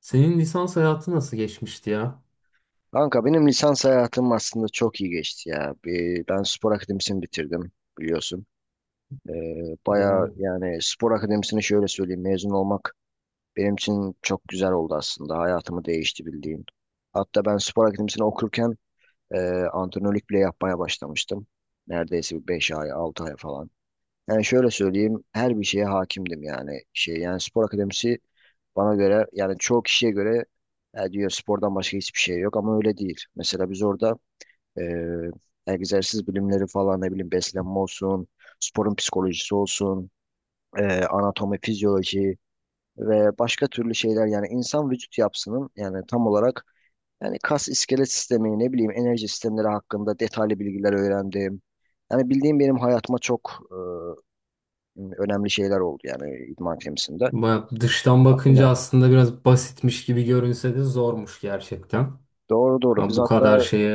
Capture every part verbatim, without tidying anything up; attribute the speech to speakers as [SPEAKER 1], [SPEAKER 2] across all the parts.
[SPEAKER 1] Senin lisans hayatı nasıl geçmişti ya?
[SPEAKER 2] Kanka benim lisans hayatım aslında çok iyi geçti ya. Bir- Ben spor akademisini bitirdim biliyorsun. Ee,
[SPEAKER 1] Güzel.
[SPEAKER 2] bayağı yani spor akademisini şöyle söyleyeyim mezun olmak benim için çok güzel oldu aslında. Hayatımı değişti bildiğin. Hatta ben spor akademisini okurken e, antrenörlük bile yapmaya başlamıştım. Neredeyse bir beş ay altı ay falan. Yani şöyle söyleyeyim her bir şeye hakimdim yani. Şey, yani spor akademisi bana göre yani çoğu kişiye göre "Ya," diyor spordan başka hiçbir şey yok ama öyle değil. Mesela biz orada ee, egzersiz bilimleri falan ne bileyim beslenme olsun, sporun psikolojisi olsun, e, anatomi, fizyoloji ve başka türlü şeyler yani insan vücut yapısının yani tam olarak yani kas iskelet sistemi ne bileyim enerji sistemleri hakkında detaylı bilgiler öğrendim. Yani bildiğim benim hayatıma çok e, önemli şeyler oldu yani idman temsilinde.
[SPEAKER 1] Ba- Dıştan bakınca
[SPEAKER 2] Aynen.
[SPEAKER 1] aslında biraz basitmiş gibi görünse de zormuş gerçekten.
[SPEAKER 2] Doğru doğru.
[SPEAKER 1] Ama
[SPEAKER 2] Biz
[SPEAKER 1] bu
[SPEAKER 2] hatta
[SPEAKER 1] kadar şeye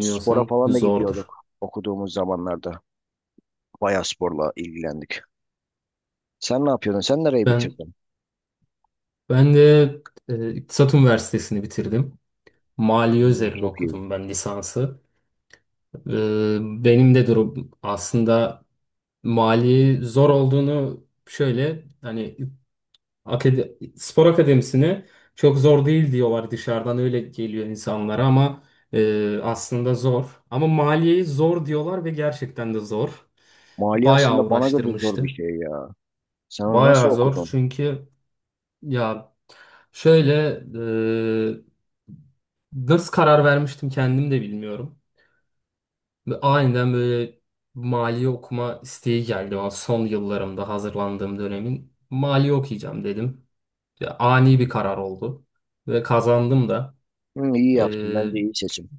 [SPEAKER 2] spora falan da
[SPEAKER 1] zordur.
[SPEAKER 2] gidiyorduk okuduğumuz zamanlarda. Bayağı sporla ilgilendik. Sen ne yapıyordun? Sen nereyi
[SPEAKER 1] Ben
[SPEAKER 2] bitirdin?
[SPEAKER 1] ben de e, İktisat Üniversitesi'ni bitirdim. Maliye
[SPEAKER 2] Hmm,
[SPEAKER 1] üzerine
[SPEAKER 2] çok iyi.
[SPEAKER 1] okudum ben lisansı. E, Benim de durum aslında mali zor olduğunu şöyle hani Akade- spor akademisini çok zor değil diyorlar dışarıdan öyle geliyor insanlara ama e, aslında zor. Ama maliyeyi zor diyorlar ve gerçekten de zor.
[SPEAKER 2] Mali
[SPEAKER 1] Bayağı
[SPEAKER 2] aslında bana göre zor bir
[SPEAKER 1] uğraştırmıştı.
[SPEAKER 2] şey ya. Sen onu nasıl
[SPEAKER 1] Bayağı zor
[SPEAKER 2] okudun?
[SPEAKER 1] çünkü ya şöyle e, nasıl karar vermiştim kendim de bilmiyorum. Ve aniden böyle maliye okuma isteği geldi o son yıllarımda hazırlandığım dönemin. Maliye okuyacağım dedim. Ya, ani bir karar oldu ve kazandım da.
[SPEAKER 2] Hmm, iyi yaptın.
[SPEAKER 1] Ee,
[SPEAKER 2] Bence iyi seçim.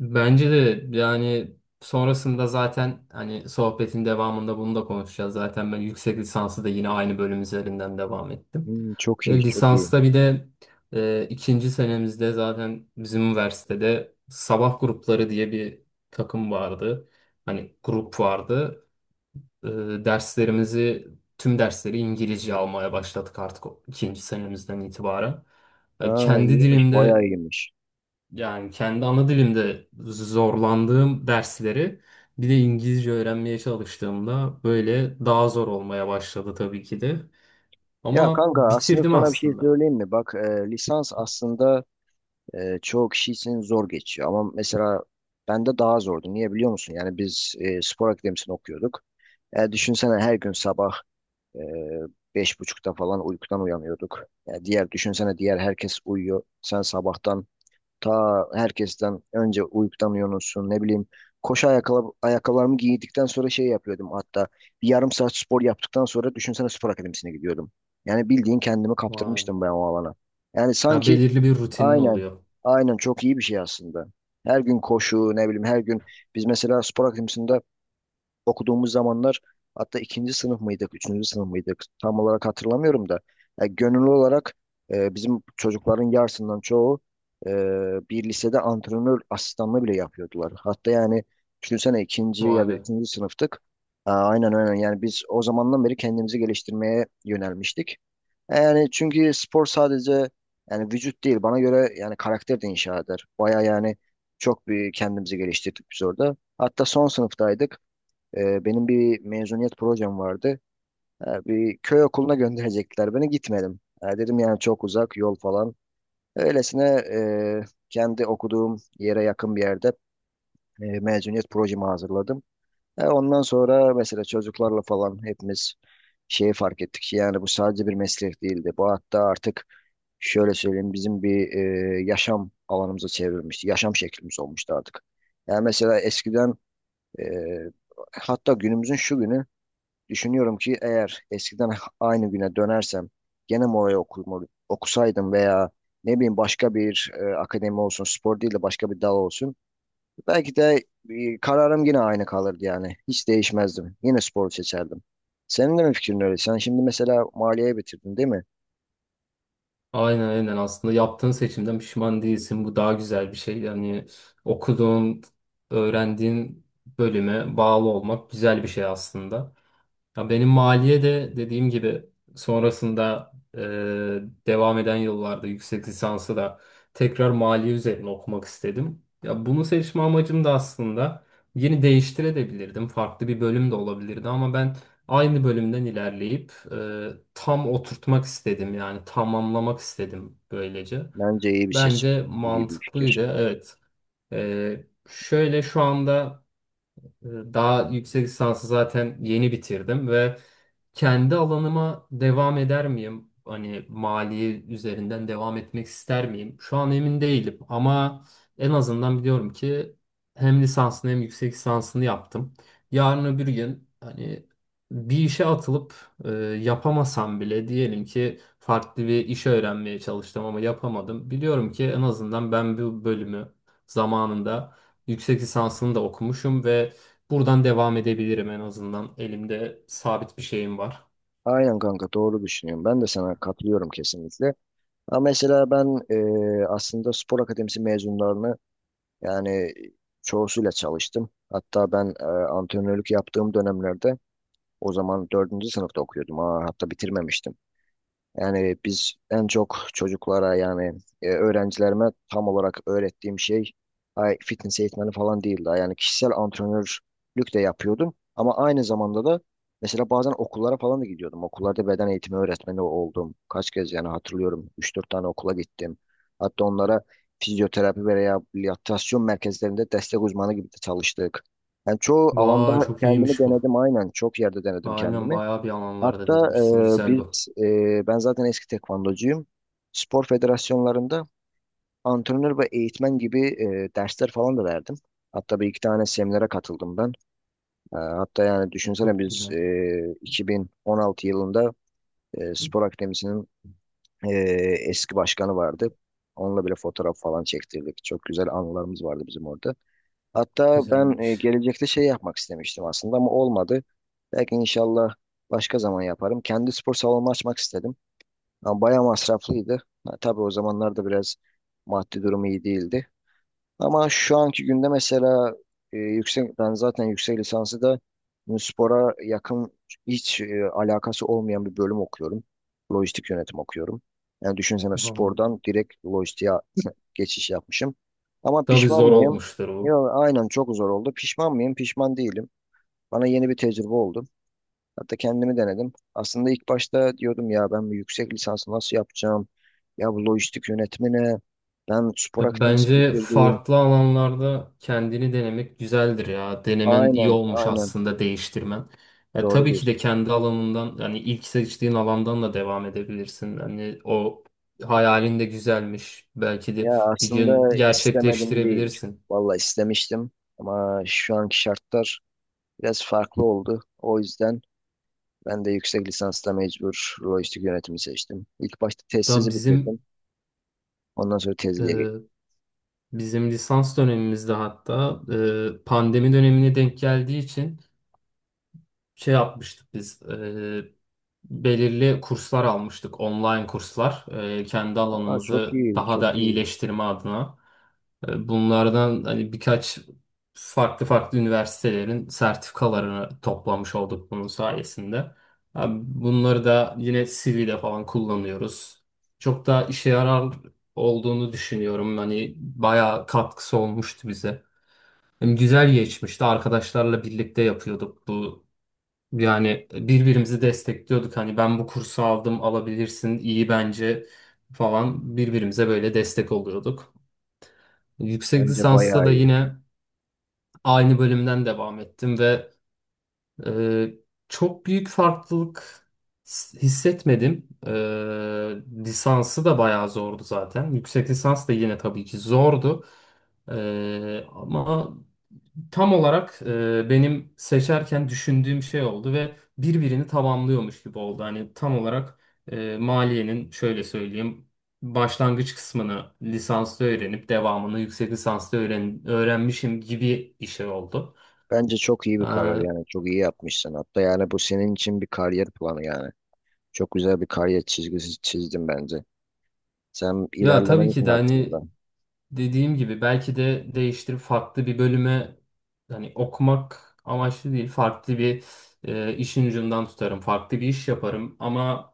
[SPEAKER 1] Bence de yani sonrasında zaten hani sohbetin devamında bunu da konuşacağız. Zaten ben yüksek lisansı da yine aynı bölüm üzerinden devam ettim.
[SPEAKER 2] Hmm, çok iyi,
[SPEAKER 1] Ve
[SPEAKER 2] çok iyi.
[SPEAKER 1] lisansta bir de e, ikinci senemizde zaten bizim üniversitede sabah grupları diye bir takım vardı. Hani grup vardı. E, Derslerimizi tüm dersleri İngilizce almaya başladık artık o ikinci senemizden itibaren. Ya
[SPEAKER 2] Ha,
[SPEAKER 1] kendi
[SPEAKER 2] iyiymiş, bayağı
[SPEAKER 1] dilimde
[SPEAKER 2] iyiymiş.
[SPEAKER 1] yani kendi ana dilimde zorlandığım dersleri bir de İngilizce öğrenmeye çalıştığımda böyle daha zor olmaya başladı tabii ki de.
[SPEAKER 2] Ya
[SPEAKER 1] Ama
[SPEAKER 2] kanka aslında
[SPEAKER 1] bitirdim
[SPEAKER 2] sana bir şey
[SPEAKER 1] aslında.
[SPEAKER 2] söyleyeyim mi? Bak e, lisans aslında e, çoğu kişi için zor geçiyor. Ama mesela bende daha zordu. Niye biliyor musun? Yani biz e, spor akademisini okuyorduk. E, düşünsene her gün sabah e, beş buçukta falan uykudan uyanıyorduk. Ya diğer düşünsene diğer herkes uyuyor. Sen sabahtan ta herkesten önce uykudan uyanıyorsun, ne bileyim. Koşu ayakkabı, ayakkabılarımı giydikten sonra şey yapıyordum hatta. Bir yarım saat spor yaptıktan sonra düşünsene spor akademisine gidiyordum. Yani bildiğin kendimi
[SPEAKER 1] Vay be.
[SPEAKER 2] kaptırmıştım ben o alana. Yani
[SPEAKER 1] Ya
[SPEAKER 2] sanki
[SPEAKER 1] belirli bir rutinin
[SPEAKER 2] aynen,
[SPEAKER 1] oluyor.
[SPEAKER 2] aynen, çok iyi bir şey aslında. Her gün koşu ne bileyim, her gün biz mesela spor akademisinde okuduğumuz zamanlar hatta ikinci sınıf mıydık, üçüncü sınıf mıydık tam olarak hatırlamıyorum da ya gönüllü olarak e, bizim çocukların yarısından çoğu e, bir lisede antrenör asistanlığı bile yapıyordular. Hatta yani düşünsene ikinci
[SPEAKER 1] Vay
[SPEAKER 2] ya da
[SPEAKER 1] be.
[SPEAKER 2] üçüncü sınıftık. Aa, aynen aynen, yani biz o zamandan beri kendimizi geliştirmeye yönelmiştik. E, Yani çünkü spor sadece yani vücut değil bana göre yani karakter de inşa eder. Baya yani çok bir kendimizi geliştirdik biz orada. Hatta son sınıftaydık. Ee, benim bir mezuniyet projem vardı. Ee, bir köy okuluna gönderecekler beni gitmedim. Ee, dedim yani çok uzak yol falan. Öylesine e, kendi okuduğum yere yakın bir yerde e, mezuniyet projemi hazırladım. Ee, ondan sonra mesela çocuklarla falan hepimiz şeyi fark ettik ki yani bu sadece bir meslek değildi. Bu hatta artık şöyle söyleyeyim bizim bir e, yaşam alanımıza çevrilmişti. Yaşam şeklimiz olmuştu artık. Yani mesela eskiden e, hatta günümüzün şu günü düşünüyorum ki eğer eskiden aynı güne dönersem gene Mora'yı okum, okusaydım veya ne bileyim başka bir e, akademi olsun, spor değil de başka bir dal olsun. Belki de e, kararım yine aynı kalırdı yani. Hiç değişmezdim. Yine spor seçerdim. Senin de mi fikrin öyle? Sen şimdi mesela maliye bitirdin değil mi?
[SPEAKER 1] Aynen, aynen, aslında yaptığın seçimden pişman değilsin. Bu daha güzel bir şey. Yani okuduğun, öğrendiğin bölüme bağlı olmak güzel bir şey aslında. Ya benim maliye de dediğim gibi sonrasında e, devam eden yıllarda yüksek lisansı da tekrar maliye üzerine okumak istedim. Ya bunu seçme amacım da aslında yeni değiştirebilirdim. Farklı bir bölüm de olabilirdi ama ben aynı bölümden ilerleyip e, tam oturtmak istedim. Yani tamamlamak istedim böylece.
[SPEAKER 2] Bence iyi bir seç,
[SPEAKER 1] Bence
[SPEAKER 2] iyi bir fikir.
[SPEAKER 1] mantıklıydı. Evet. E, şöyle şu anda ee, daha yüksek lisansı zaten yeni bitirdim ve kendi alanıma devam eder miyim? Hani mali üzerinden devam etmek ister miyim? Şu an emin değilim ama en azından biliyorum ki hem lisansını hem yüksek lisansını yaptım. Yarın öbür gün hani bir işe atılıp e, yapamasam bile diyelim ki farklı bir işe öğrenmeye çalıştım ama yapamadım. Biliyorum ki en azından ben bu bölümü zamanında yüksek lisansını da okumuşum ve buradan devam edebilirim en azından. Elimde sabit bir şeyim var.
[SPEAKER 2] Aynen kanka, doğru düşünüyorum. Ben de sana katılıyorum kesinlikle. Ama mesela ben e, aslında spor akademisi mezunlarını, Yani e, çoğusuyla çalıştım. Hatta ben e, antrenörlük yaptığım dönemlerde o zaman dördüncü sınıfta okuyordum. Aa, hatta bitirmemiştim. Yani biz en çok çocuklara yani e, öğrencilerime tam olarak öğrettiğim şey, ay, fitness eğitmeni falan değildi. Yani kişisel antrenörlük de yapıyordum. Ama aynı zamanda da mesela bazen okullara falan da gidiyordum. Okullarda beden eğitimi öğretmeni oldum. Kaç kez yani hatırlıyorum. Üç dört tane okula gittim. Hatta onlara fizyoterapi ve rehabilitasyon merkezlerinde destek uzmanı gibi de çalıştık. Yani çoğu
[SPEAKER 1] Vay,
[SPEAKER 2] alanda
[SPEAKER 1] çok
[SPEAKER 2] kendimi
[SPEAKER 1] iyiymiş bu.
[SPEAKER 2] denedim aynen. Çok yerde denedim
[SPEAKER 1] Aynen,
[SPEAKER 2] kendimi.
[SPEAKER 1] bayağı bir alanlarda
[SPEAKER 2] Hatta
[SPEAKER 1] denemişsin.
[SPEAKER 2] e,
[SPEAKER 1] Güzel bu.
[SPEAKER 2] biz e, ben zaten eski tekvandocuyum. Spor federasyonlarında antrenör ve eğitmen gibi e, dersler falan da verdim. Hatta bir iki tane seminere katıldım ben. E, hatta yani düşünsene
[SPEAKER 1] Çok
[SPEAKER 2] biz
[SPEAKER 1] güzel.
[SPEAKER 2] e, iki bin on altı yılında e, spor akademisinin e, eski başkanı vardı. Onunla bile fotoğraf falan çektirdik. Çok güzel anılarımız vardı bizim orada. Hatta ben e,
[SPEAKER 1] Güzelmiş.
[SPEAKER 2] gelecekte şey yapmak istemiştim aslında ama olmadı. Belki inşallah başka zaman yaparım. Kendi spor salonumu açmak istedim. Ama bayağı masraflıydı. Ha, tabii o zamanlarda biraz maddi durumu iyi değildi. Ama şu anki günde mesela e, yüksek ben zaten yüksek lisansı da spora yakın hiç e, alakası olmayan bir bölüm okuyorum. Lojistik yönetim okuyorum. Yani düşünsene
[SPEAKER 1] Tamam.
[SPEAKER 2] spordan direkt lojistiğe geçiş yapmışım. Ama
[SPEAKER 1] Tabii
[SPEAKER 2] pişman
[SPEAKER 1] zor
[SPEAKER 2] mıyım?
[SPEAKER 1] olmuştur bu.
[SPEAKER 2] Yok, aynen, çok zor oldu. Pişman mıyım? Pişman değilim. Bana yeni bir tecrübe oldu. Hatta kendimi denedim. Aslında ilk başta diyordum ya, ben bu yüksek lisansı nasıl yapacağım? Ya bu lojistik yönetimi ne? Ben spor
[SPEAKER 1] Ya
[SPEAKER 2] akademisi
[SPEAKER 1] bence
[SPEAKER 2] bitirdim.
[SPEAKER 1] farklı alanlarda kendini denemek güzeldir ya. Denemen iyi
[SPEAKER 2] Aynen,
[SPEAKER 1] olmuş
[SPEAKER 2] aynen.
[SPEAKER 1] aslında değiştirmen. Ya
[SPEAKER 2] Doğru
[SPEAKER 1] tabii ki
[SPEAKER 2] diyorsun.
[SPEAKER 1] de kendi alanından yani ilk seçtiğin alandan da devam edebilirsin. Hani o hayalin de güzelmiş. Belki de
[SPEAKER 2] Ya
[SPEAKER 1] bir gün
[SPEAKER 2] aslında istemedim değil.
[SPEAKER 1] gerçekleştirebilirsin.
[SPEAKER 2] Vallahi istemiştim ama şu anki şartlar biraz farklı oldu. O yüzden ben de yüksek lisansta mecbur lojistik yönetimi seçtim. İlk başta
[SPEAKER 1] Da
[SPEAKER 2] tezsizi bitirdim.
[SPEAKER 1] bizim
[SPEAKER 2] Ondan sonra tezliğe geçtim.
[SPEAKER 1] e, bizim lisans dönemimizde hatta e, pandemi dönemine denk geldiği için şey yapmıştık biz. E, belirli kurslar almıştık, online kurslar. E, kendi
[SPEAKER 2] Aa, çok
[SPEAKER 1] alanımızı
[SPEAKER 2] iyi,
[SPEAKER 1] daha da
[SPEAKER 2] çok iyi.
[SPEAKER 1] iyileştirme adına. E, Bunlardan hani birkaç farklı farklı üniversitelerin sertifikalarını toplamış olduk bunun sayesinde. Abi, bunları da yine C V'de falan kullanıyoruz. Çok da işe yarar olduğunu düşünüyorum. Hani bayağı katkısı olmuştu bize. Hem güzel geçmişti. Arkadaşlarla birlikte yapıyorduk bu. Yani birbirimizi destekliyorduk. Hani ben bu kursu aldım, alabilirsin, iyi bence falan birbirimize böyle destek oluyorduk. Yüksek
[SPEAKER 2] Bence
[SPEAKER 1] lisansta
[SPEAKER 2] bayağı
[SPEAKER 1] da
[SPEAKER 2] iyi.
[SPEAKER 1] yine aynı bölümden devam ettim ve e, çok büyük farklılık s- hissetmedim. E, lisansı da bayağı zordu zaten. Yüksek lisans da yine tabii ki zordu. E, ama tam olarak e, benim seçerken düşündüğüm şey oldu ve birbirini tamamlıyormuş gibi oldu. Hani tam olarak e, maliyenin şöyle söyleyeyim. Başlangıç kısmını lisansta öğrenip devamını yüksek lisansta öğren öğrenmişim gibi bir şey oldu.
[SPEAKER 2] Bence çok iyi bir karar.
[SPEAKER 1] Aa,
[SPEAKER 2] Yani çok iyi yapmışsın. Hatta yani bu senin için bir kariyer planı. Yani çok güzel bir kariyer çizgisi çizdin bence, sen
[SPEAKER 1] ya
[SPEAKER 2] ilerlemen
[SPEAKER 1] tabii ki
[SPEAKER 2] için
[SPEAKER 1] de
[SPEAKER 2] aslında
[SPEAKER 1] hani dediğim gibi belki de değiştirip farklı bir bölüme hani okumak amaçlı değil farklı bir e, işin ucundan tutarım farklı bir iş yaparım ama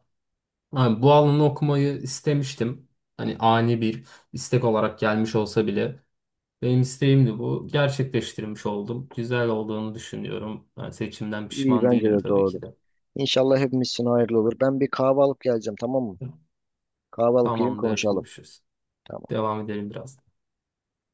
[SPEAKER 1] hani bu alanı okumayı istemiştim hani ani bir istek olarak gelmiş olsa bile benim isteğimdi bu gerçekleştirmiş oldum güzel olduğunu düşünüyorum yani seçimden
[SPEAKER 2] iyi.
[SPEAKER 1] pişman
[SPEAKER 2] Bence
[SPEAKER 1] değilim
[SPEAKER 2] de
[SPEAKER 1] tabii
[SPEAKER 2] doğru.
[SPEAKER 1] ki de.
[SPEAKER 2] İnşallah hepimiz için hayırlı olur. Ben bir kahve alıp geleceğim, tamam mı? Kahve alıp gelin,
[SPEAKER 1] Tamamdır,
[SPEAKER 2] konuşalım.
[SPEAKER 1] görüşürüz.
[SPEAKER 2] Tamam.
[SPEAKER 1] Devam edelim biraz.